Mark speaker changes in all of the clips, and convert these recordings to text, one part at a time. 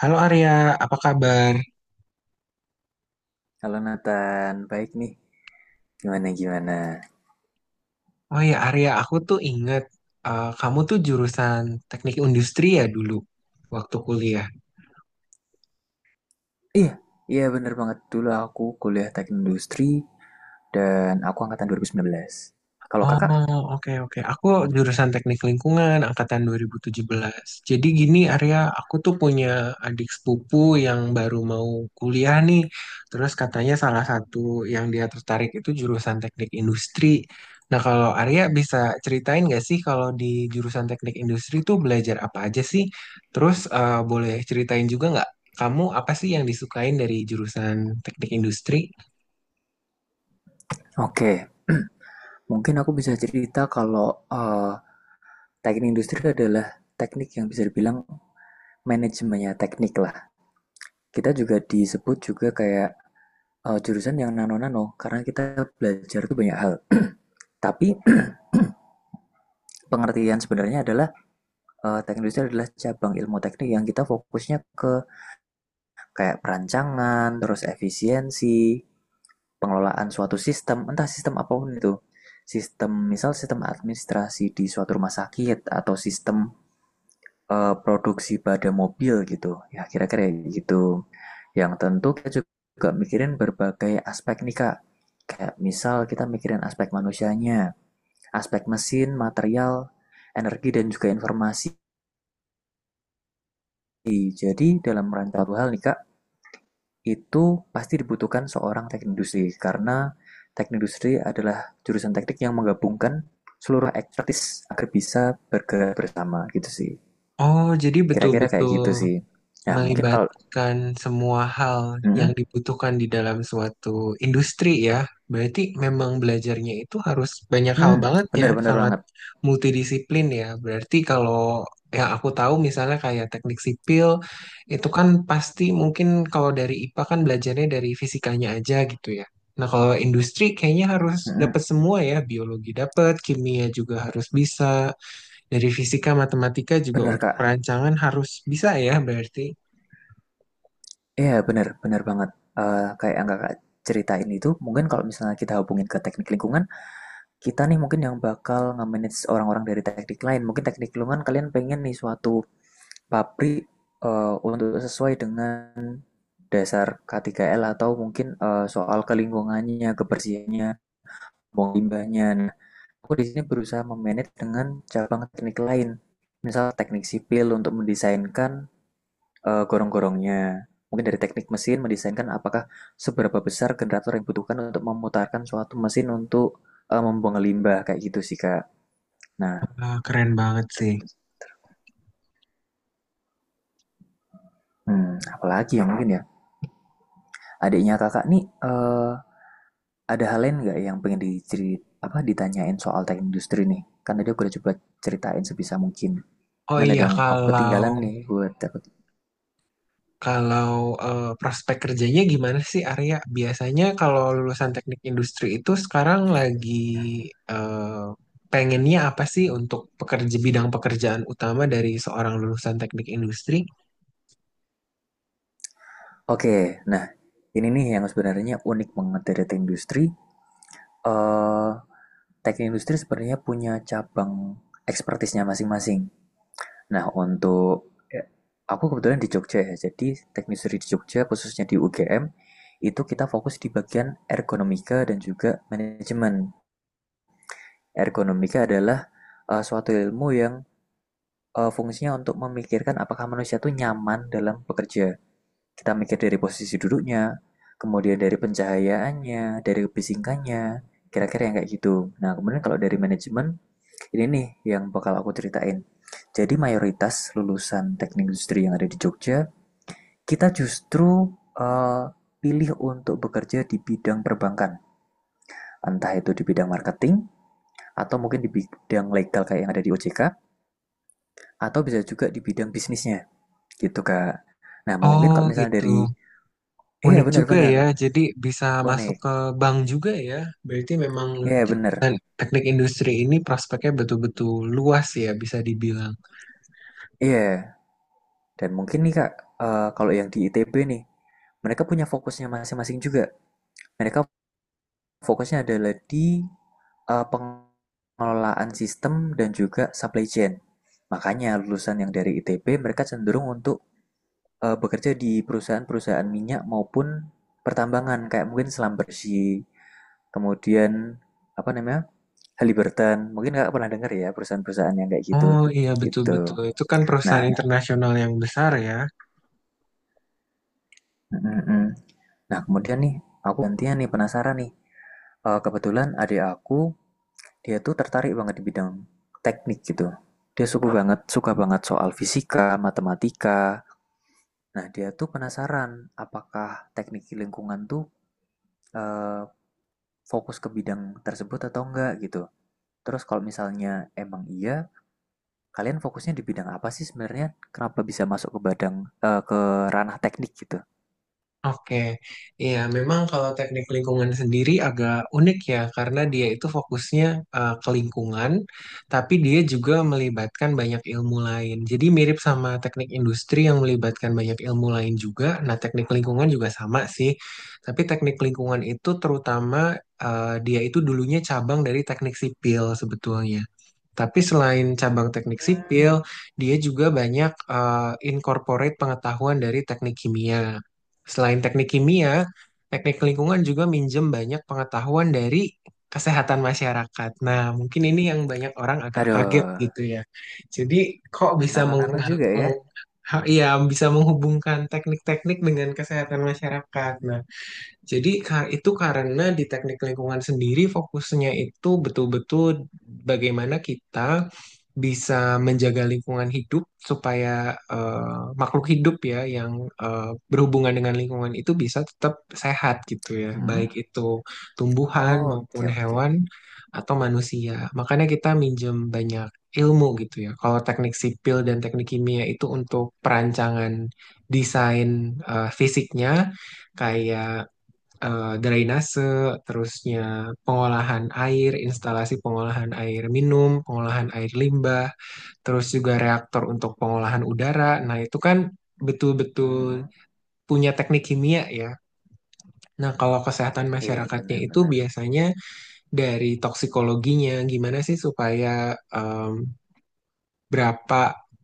Speaker 1: Halo Arya, apa kabar?
Speaker 2: Halo Nathan, baik nih. Gimana gimana?
Speaker 1: Oh ya Arya, aku tuh inget, kamu tuh jurusan teknik industri ya dulu waktu kuliah.
Speaker 2: Iya, iya bener banget. Dulu aku kuliah teknik industri dan aku angkatan 2019. Kalau kakak?
Speaker 1: Oh, oke, oke. Aku jurusan Teknik Lingkungan angkatan 2017. Jadi gini Arya, aku tuh punya adik sepupu yang baru mau kuliah nih. Terus katanya salah satu yang dia tertarik itu jurusan Teknik Industri. Nah, kalau Arya bisa ceritain nggak sih kalau di jurusan Teknik Industri tuh belajar apa aja sih? Terus boleh ceritain juga nggak kamu apa sih yang disukain dari jurusan Teknik Industri?
Speaker 2: Oke, mungkin aku bisa cerita kalau teknik industri adalah teknik yang bisa dibilang manajemennya teknik lah. Kita juga disebut juga kayak jurusan yang nano-nano karena kita belajar tuh banyak hal. Tapi pengertian sebenarnya adalah teknik industri adalah cabang ilmu teknik yang kita fokusnya ke kayak perancangan, terus efisiensi, pengelolaan suatu sistem, entah sistem apapun itu. Sistem, misal sistem administrasi di suatu rumah sakit atau sistem produksi pada mobil gitu. Ya kira-kira gitu. Yang tentu kita juga mikirin berbagai aspek nih Kak. Kayak misal kita mikirin aspek manusianya, aspek mesin, material, energi dan juga informasi. Jadi dalam rangka suatu hal nih Kak, itu pasti dibutuhkan seorang teknik industri, karena teknik industri adalah jurusan teknik yang menggabungkan seluruh expertise agar bisa bergerak bersama gitu sih.
Speaker 1: Oh, jadi
Speaker 2: Kira-kira kayak
Speaker 1: betul-betul
Speaker 2: gitu sih. Nah, mungkin kalau.
Speaker 1: melibatkan semua hal yang
Speaker 2: Mm,
Speaker 1: dibutuhkan di dalam suatu industri ya. Berarti memang belajarnya itu harus banyak hal
Speaker 2: mm,
Speaker 1: banget ya,
Speaker 2: bener-bener
Speaker 1: sangat
Speaker 2: banget.
Speaker 1: multidisiplin ya. Berarti kalau yang aku tahu misalnya kayak teknik sipil itu kan pasti mungkin kalau dari IPA kan belajarnya dari fisikanya aja gitu ya. Nah, kalau industri kayaknya harus
Speaker 2: Mm,
Speaker 1: dapat semua ya, biologi dapat, kimia juga harus bisa, dari fisika, matematika juga
Speaker 2: bener
Speaker 1: untuk
Speaker 2: Kak.
Speaker 1: perancangan harus bisa ya berarti.
Speaker 2: Iya, bener, bener banget. Kayak yang Kakak ceritain itu, mungkin kalau misalnya kita hubungin ke teknik lingkungan, kita nih mungkin yang bakal nge-manage orang-orang dari teknik lain. Mungkin teknik lingkungan kalian pengen nih suatu pabrik untuk sesuai dengan dasar K3L atau mungkin soal kelingkungannya, kebersihannya, buang limbahnya. Nah, aku di sini berusaha memanage dengan cabang teknik lain, misal teknik sipil untuk mendesainkan gorong-gorongnya. Mungkin dari teknik mesin mendesainkan apakah seberapa besar generator yang dibutuhkan untuk memutarkan suatu mesin untuk membuang limbah kayak gitu sih Kak. Nah,
Speaker 1: Ah, keren banget sih.
Speaker 2: apalagi yang mungkin ya adiknya kakak nih eh, ada hal lain nggak yang pengen ditanyain soal teh industri nih? Kan tadi aku udah coba ceritain sebisa mungkin.
Speaker 1: Oh
Speaker 2: Mungkin ada
Speaker 1: iya,
Speaker 2: yang aku
Speaker 1: kalau
Speaker 2: ketinggalan nih, gue takut.
Speaker 1: kalau prospek kerjanya gimana sih Arya? Biasanya kalau lulusan teknik industri itu sekarang lagi eh, pengennya apa sih untuk pekerja bidang pekerjaan utama dari seorang lulusan teknik industri?
Speaker 2: Oke, nah ini nih yang sebenarnya unik banget dari teh industri. eh Teknik industri sebenarnya punya cabang ekspertisnya masing-masing. Nah, aku kebetulan di Jogja ya, jadi teknik industri di Jogja, khususnya di UGM, itu kita fokus di bagian ergonomika dan juga manajemen. Ergonomika adalah suatu ilmu yang fungsinya untuk memikirkan apakah manusia tuh nyaman dalam bekerja. Kita mikir dari posisi duduknya, kemudian dari pencahayaannya, dari kebisingannya, kira-kira yang kayak gitu. Nah, kemudian kalau dari manajemen, ini nih yang bakal aku ceritain. Jadi mayoritas lulusan teknik industri yang ada di Jogja, kita justru, eee, pilih untuk bekerja di bidang perbankan. Entah itu di bidang marketing atau mungkin di bidang legal kayak yang ada di OJK atau bisa juga di bidang bisnisnya gitu Kak. Nah, mungkin
Speaker 1: Oh
Speaker 2: kalau misalnya
Speaker 1: gitu.
Speaker 2: dari. Iya,
Speaker 1: Unik juga
Speaker 2: benar-benar
Speaker 1: ya, jadi bisa masuk
Speaker 2: unik.
Speaker 1: ke bank juga ya. Berarti memang
Speaker 2: Iya benar.
Speaker 1: teknik industri ini prospeknya betul-betul luas ya, bisa dibilang.
Speaker 2: Iya. Dan mungkin nih Kak, kalau yang di ITB nih, mereka punya fokusnya masing-masing juga. Mereka fokusnya adalah di pengelolaan sistem dan juga supply chain. Makanya lulusan yang dari ITB mereka cenderung untuk bekerja di perusahaan-perusahaan minyak maupun pertambangan kayak mungkin selam bersih, kemudian apa namanya? Halliburton, mungkin kakak pernah dengar ya perusahaan-perusahaan yang kayak gitu,
Speaker 1: Oh iya,
Speaker 2: gitu.
Speaker 1: betul-betul, itu kan
Speaker 2: Nah,
Speaker 1: perusahaan internasional yang besar ya.
Speaker 2: mm, mm. Nah kemudian nih, aku gantian nih penasaran nih. Kebetulan adik aku, dia tuh tertarik banget di bidang teknik gitu. Dia suka banget soal fisika, matematika. Nah, dia tuh penasaran apakah teknik lingkungan tuh eh, fokus ke bidang tersebut atau enggak gitu. Terus kalau misalnya emang iya, kalian fokusnya di bidang apa sih sebenarnya? Kenapa bisa masuk ke ranah teknik gitu?
Speaker 1: Oke, iya memang kalau teknik lingkungan sendiri agak unik ya, karena dia itu fokusnya ke lingkungan, tapi dia juga melibatkan banyak ilmu lain. Jadi mirip sama teknik industri yang melibatkan banyak ilmu lain juga. Nah, teknik lingkungan juga sama sih, tapi teknik lingkungan itu terutama, dia itu dulunya cabang dari teknik sipil sebetulnya. Tapi selain cabang teknik
Speaker 2: Hmm.
Speaker 1: sipil, dia juga banyak incorporate pengetahuan dari teknik kimia. Selain teknik kimia, teknik lingkungan juga minjem banyak pengetahuan dari kesehatan masyarakat. Nah, mungkin ini yang banyak orang agak kaget
Speaker 2: Aduh,
Speaker 1: gitu ya. Jadi, kok bisa meng,
Speaker 2: nano-nano juga ya?
Speaker 1: meng- ha- iya, bisa menghubungkan teknik-teknik dengan kesehatan masyarakat? Nah, jadi itu karena di teknik lingkungan sendiri fokusnya itu betul-betul bagaimana kita bisa menjaga lingkungan hidup supaya makhluk hidup ya yang berhubungan dengan lingkungan itu bisa tetap sehat gitu ya, baik
Speaker 2: Hmm?
Speaker 1: itu tumbuhan
Speaker 2: Oh,
Speaker 1: maupun
Speaker 2: oke oke.
Speaker 1: hewan atau manusia. Makanya kita minjem banyak ilmu gitu ya. Kalau teknik sipil dan teknik kimia itu untuk perancangan desain fisiknya, kayak drainase, terusnya pengolahan air, instalasi pengolahan air minum, pengolahan air limbah, terus juga reaktor untuk pengolahan udara. Nah, itu kan betul-betul
Speaker 2: Mm-mm.
Speaker 1: punya teknik kimia ya. Nah, kalau kesehatan
Speaker 2: Iya,
Speaker 1: masyarakatnya itu
Speaker 2: benar-benar.
Speaker 1: biasanya dari toksikologinya, gimana sih supaya em, berapa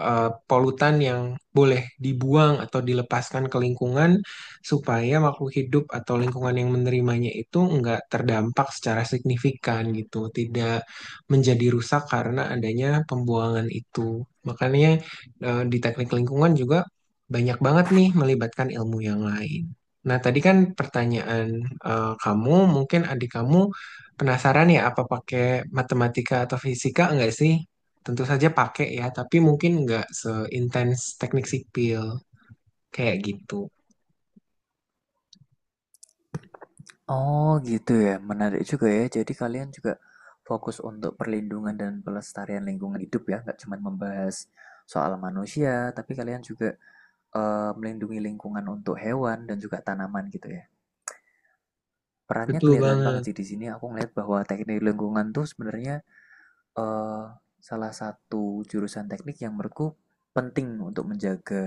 Speaker 1: polutan yang boleh dibuang atau dilepaskan ke lingkungan supaya makhluk hidup atau lingkungan yang menerimanya itu nggak terdampak secara signifikan gitu, tidak menjadi rusak karena adanya pembuangan itu. Makanya di teknik lingkungan juga banyak banget nih melibatkan ilmu yang lain. Nah, tadi kan pertanyaan kamu, mungkin adik kamu penasaran ya apa pakai matematika atau fisika enggak sih? Tentu saja pakai ya, tapi mungkin nggak seintens teknik sipil kayak gitu.
Speaker 2: Oh, gitu ya. Menarik juga ya. Jadi kalian juga fokus untuk perlindungan dan pelestarian lingkungan hidup ya, nggak cuma membahas soal manusia, tapi kalian juga melindungi lingkungan untuk hewan dan juga tanaman gitu ya. Perannya
Speaker 1: Betul
Speaker 2: kelihatan banget
Speaker 1: banget,
Speaker 2: sih di sini. Aku ngeliat bahwa teknik lingkungan tuh sebenarnya eh, salah satu jurusan teknik yang menurutku penting untuk menjaga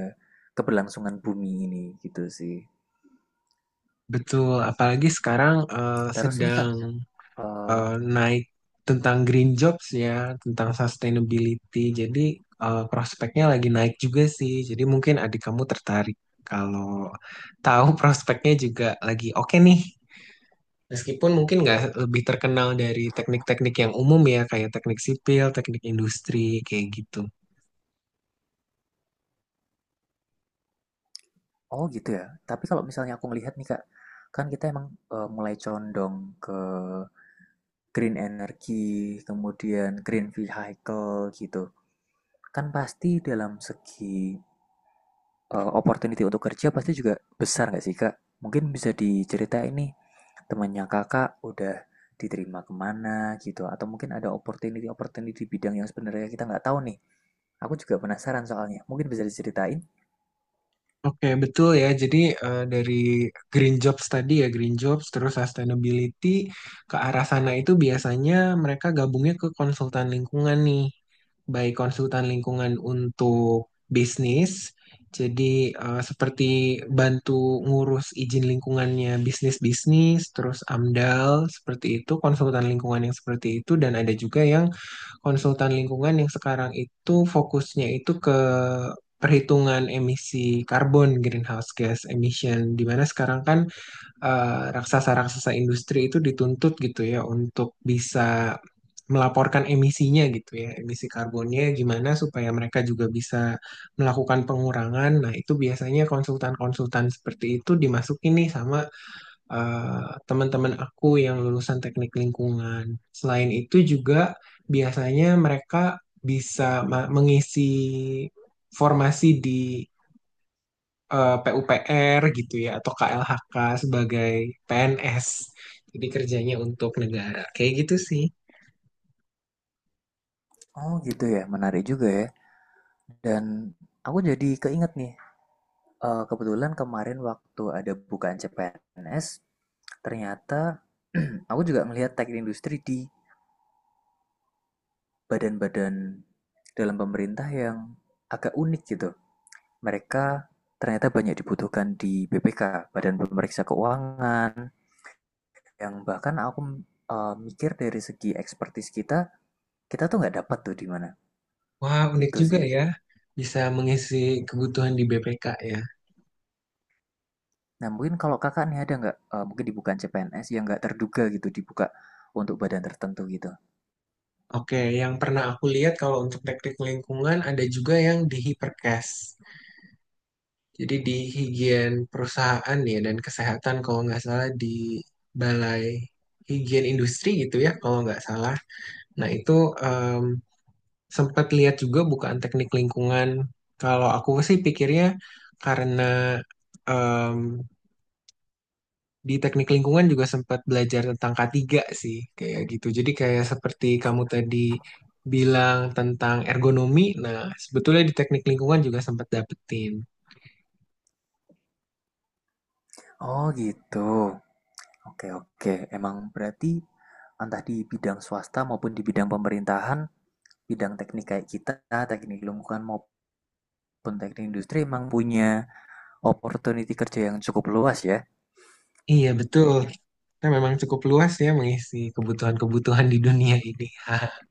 Speaker 2: keberlangsungan bumi ini gitu sih.
Speaker 1: betul. Apalagi sekarang
Speaker 2: Terus nih Kak.
Speaker 1: sedang
Speaker 2: eh,
Speaker 1: eh, naik tentang green jobs ya, tentang sustainability. Jadi prospeknya lagi naik juga sih. Jadi mungkin adik kamu tertarik kalau tahu prospeknya juga lagi oke nih. Meskipun mungkin nggak lebih terkenal dari teknik-teknik yang umum ya, kayak teknik sipil, teknik industri, kayak gitu.
Speaker 2: oh, gitu ya. Tapi kalau misalnya aku melihat nih Kak, kan kita emang mulai condong ke green energy, kemudian green vehicle gitu. Kan pasti dalam segi opportunity untuk kerja pasti juga besar nggak sih kak? Mungkin bisa diceritain nih temannya kakak udah diterima kemana gitu atau mungkin ada opportunity opportunity bidang yang sebenarnya kita nggak tahu nih. Aku juga penasaran soalnya. Mungkin bisa diceritain?
Speaker 1: Oke, betul ya. Jadi dari green jobs tadi ya, green jobs terus sustainability ke arah sana itu biasanya mereka gabungnya ke konsultan lingkungan nih. Baik konsultan lingkungan untuk bisnis, jadi seperti bantu ngurus izin lingkungannya bisnis-bisnis, terus AMDAL seperti itu, konsultan lingkungan yang seperti itu, dan ada juga yang konsultan lingkungan yang sekarang itu fokusnya itu ke perhitungan emisi karbon greenhouse gas emission di mana sekarang kan raksasa-raksasa industri itu dituntut gitu ya untuk bisa melaporkan emisinya gitu ya, emisi karbonnya gimana supaya mereka juga bisa melakukan pengurangan. Nah, itu biasanya konsultan-konsultan seperti itu dimasukin nih sama eh, teman-teman aku yang lulusan teknik lingkungan. Selain itu juga biasanya mereka bisa mengisi formasi di PUPR gitu ya atau KLHK sebagai PNS. Jadi kerjanya untuk negara. Kayak gitu sih.
Speaker 2: Oh gitu ya, menarik juga ya. Dan aku jadi keinget nih, kebetulan kemarin waktu ada bukaan CPNS, ternyata aku juga melihat teknik industri di badan-badan dalam pemerintah yang agak unik gitu. Mereka ternyata banyak dibutuhkan di BPK, Badan Pemeriksa Keuangan, yang bahkan aku mikir dari segi ekspertis kita, tuh nggak dapat tuh di mana.
Speaker 1: Wah, unik
Speaker 2: Itu
Speaker 1: juga
Speaker 2: sih.
Speaker 1: ya. Bisa mengisi kebutuhan di BPK ya.
Speaker 2: Nah, mungkin kalau kakak nih ada nggak, mungkin dibuka CPNS yang nggak terduga gitu, dibuka untuk badan tertentu gitu.
Speaker 1: Oke, yang pernah aku lihat kalau untuk teknik lingkungan ada juga yang di Hiperkes. Jadi di higien perusahaan ya dan kesehatan kalau nggak salah, di Balai Higien Industri gitu ya kalau nggak salah. Nah itu, em, sempat lihat juga bukaan teknik lingkungan. Kalau aku sih pikirnya karena em, di teknik lingkungan juga sempat belajar tentang K3 sih kayak gitu. Jadi kayak seperti kamu tadi bilang tentang ergonomi. Nah sebetulnya di teknik lingkungan juga sempat dapetin.
Speaker 2: Oh gitu. Oke, oke. Emang berarti entah di bidang swasta maupun di bidang pemerintahan, bidang teknik kayak kita, teknik lingkungan maupun teknik industri emang punya opportunity kerja yang cukup luas ya.
Speaker 1: Iya betul.
Speaker 2: Oke.
Speaker 1: Kita memang cukup luas ya mengisi kebutuhan-kebutuhan di dunia ini.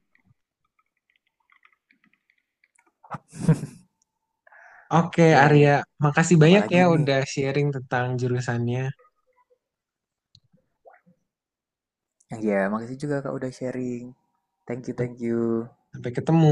Speaker 1: Oke,
Speaker 2: Oke.
Speaker 1: Arya, makasih banyak
Speaker 2: Apalagi
Speaker 1: ya
Speaker 2: nih?
Speaker 1: udah sharing tentang jurusannya.
Speaker 2: Ya, makasih juga Kak udah sharing. Thank you, thank you.
Speaker 1: Sampai ketemu.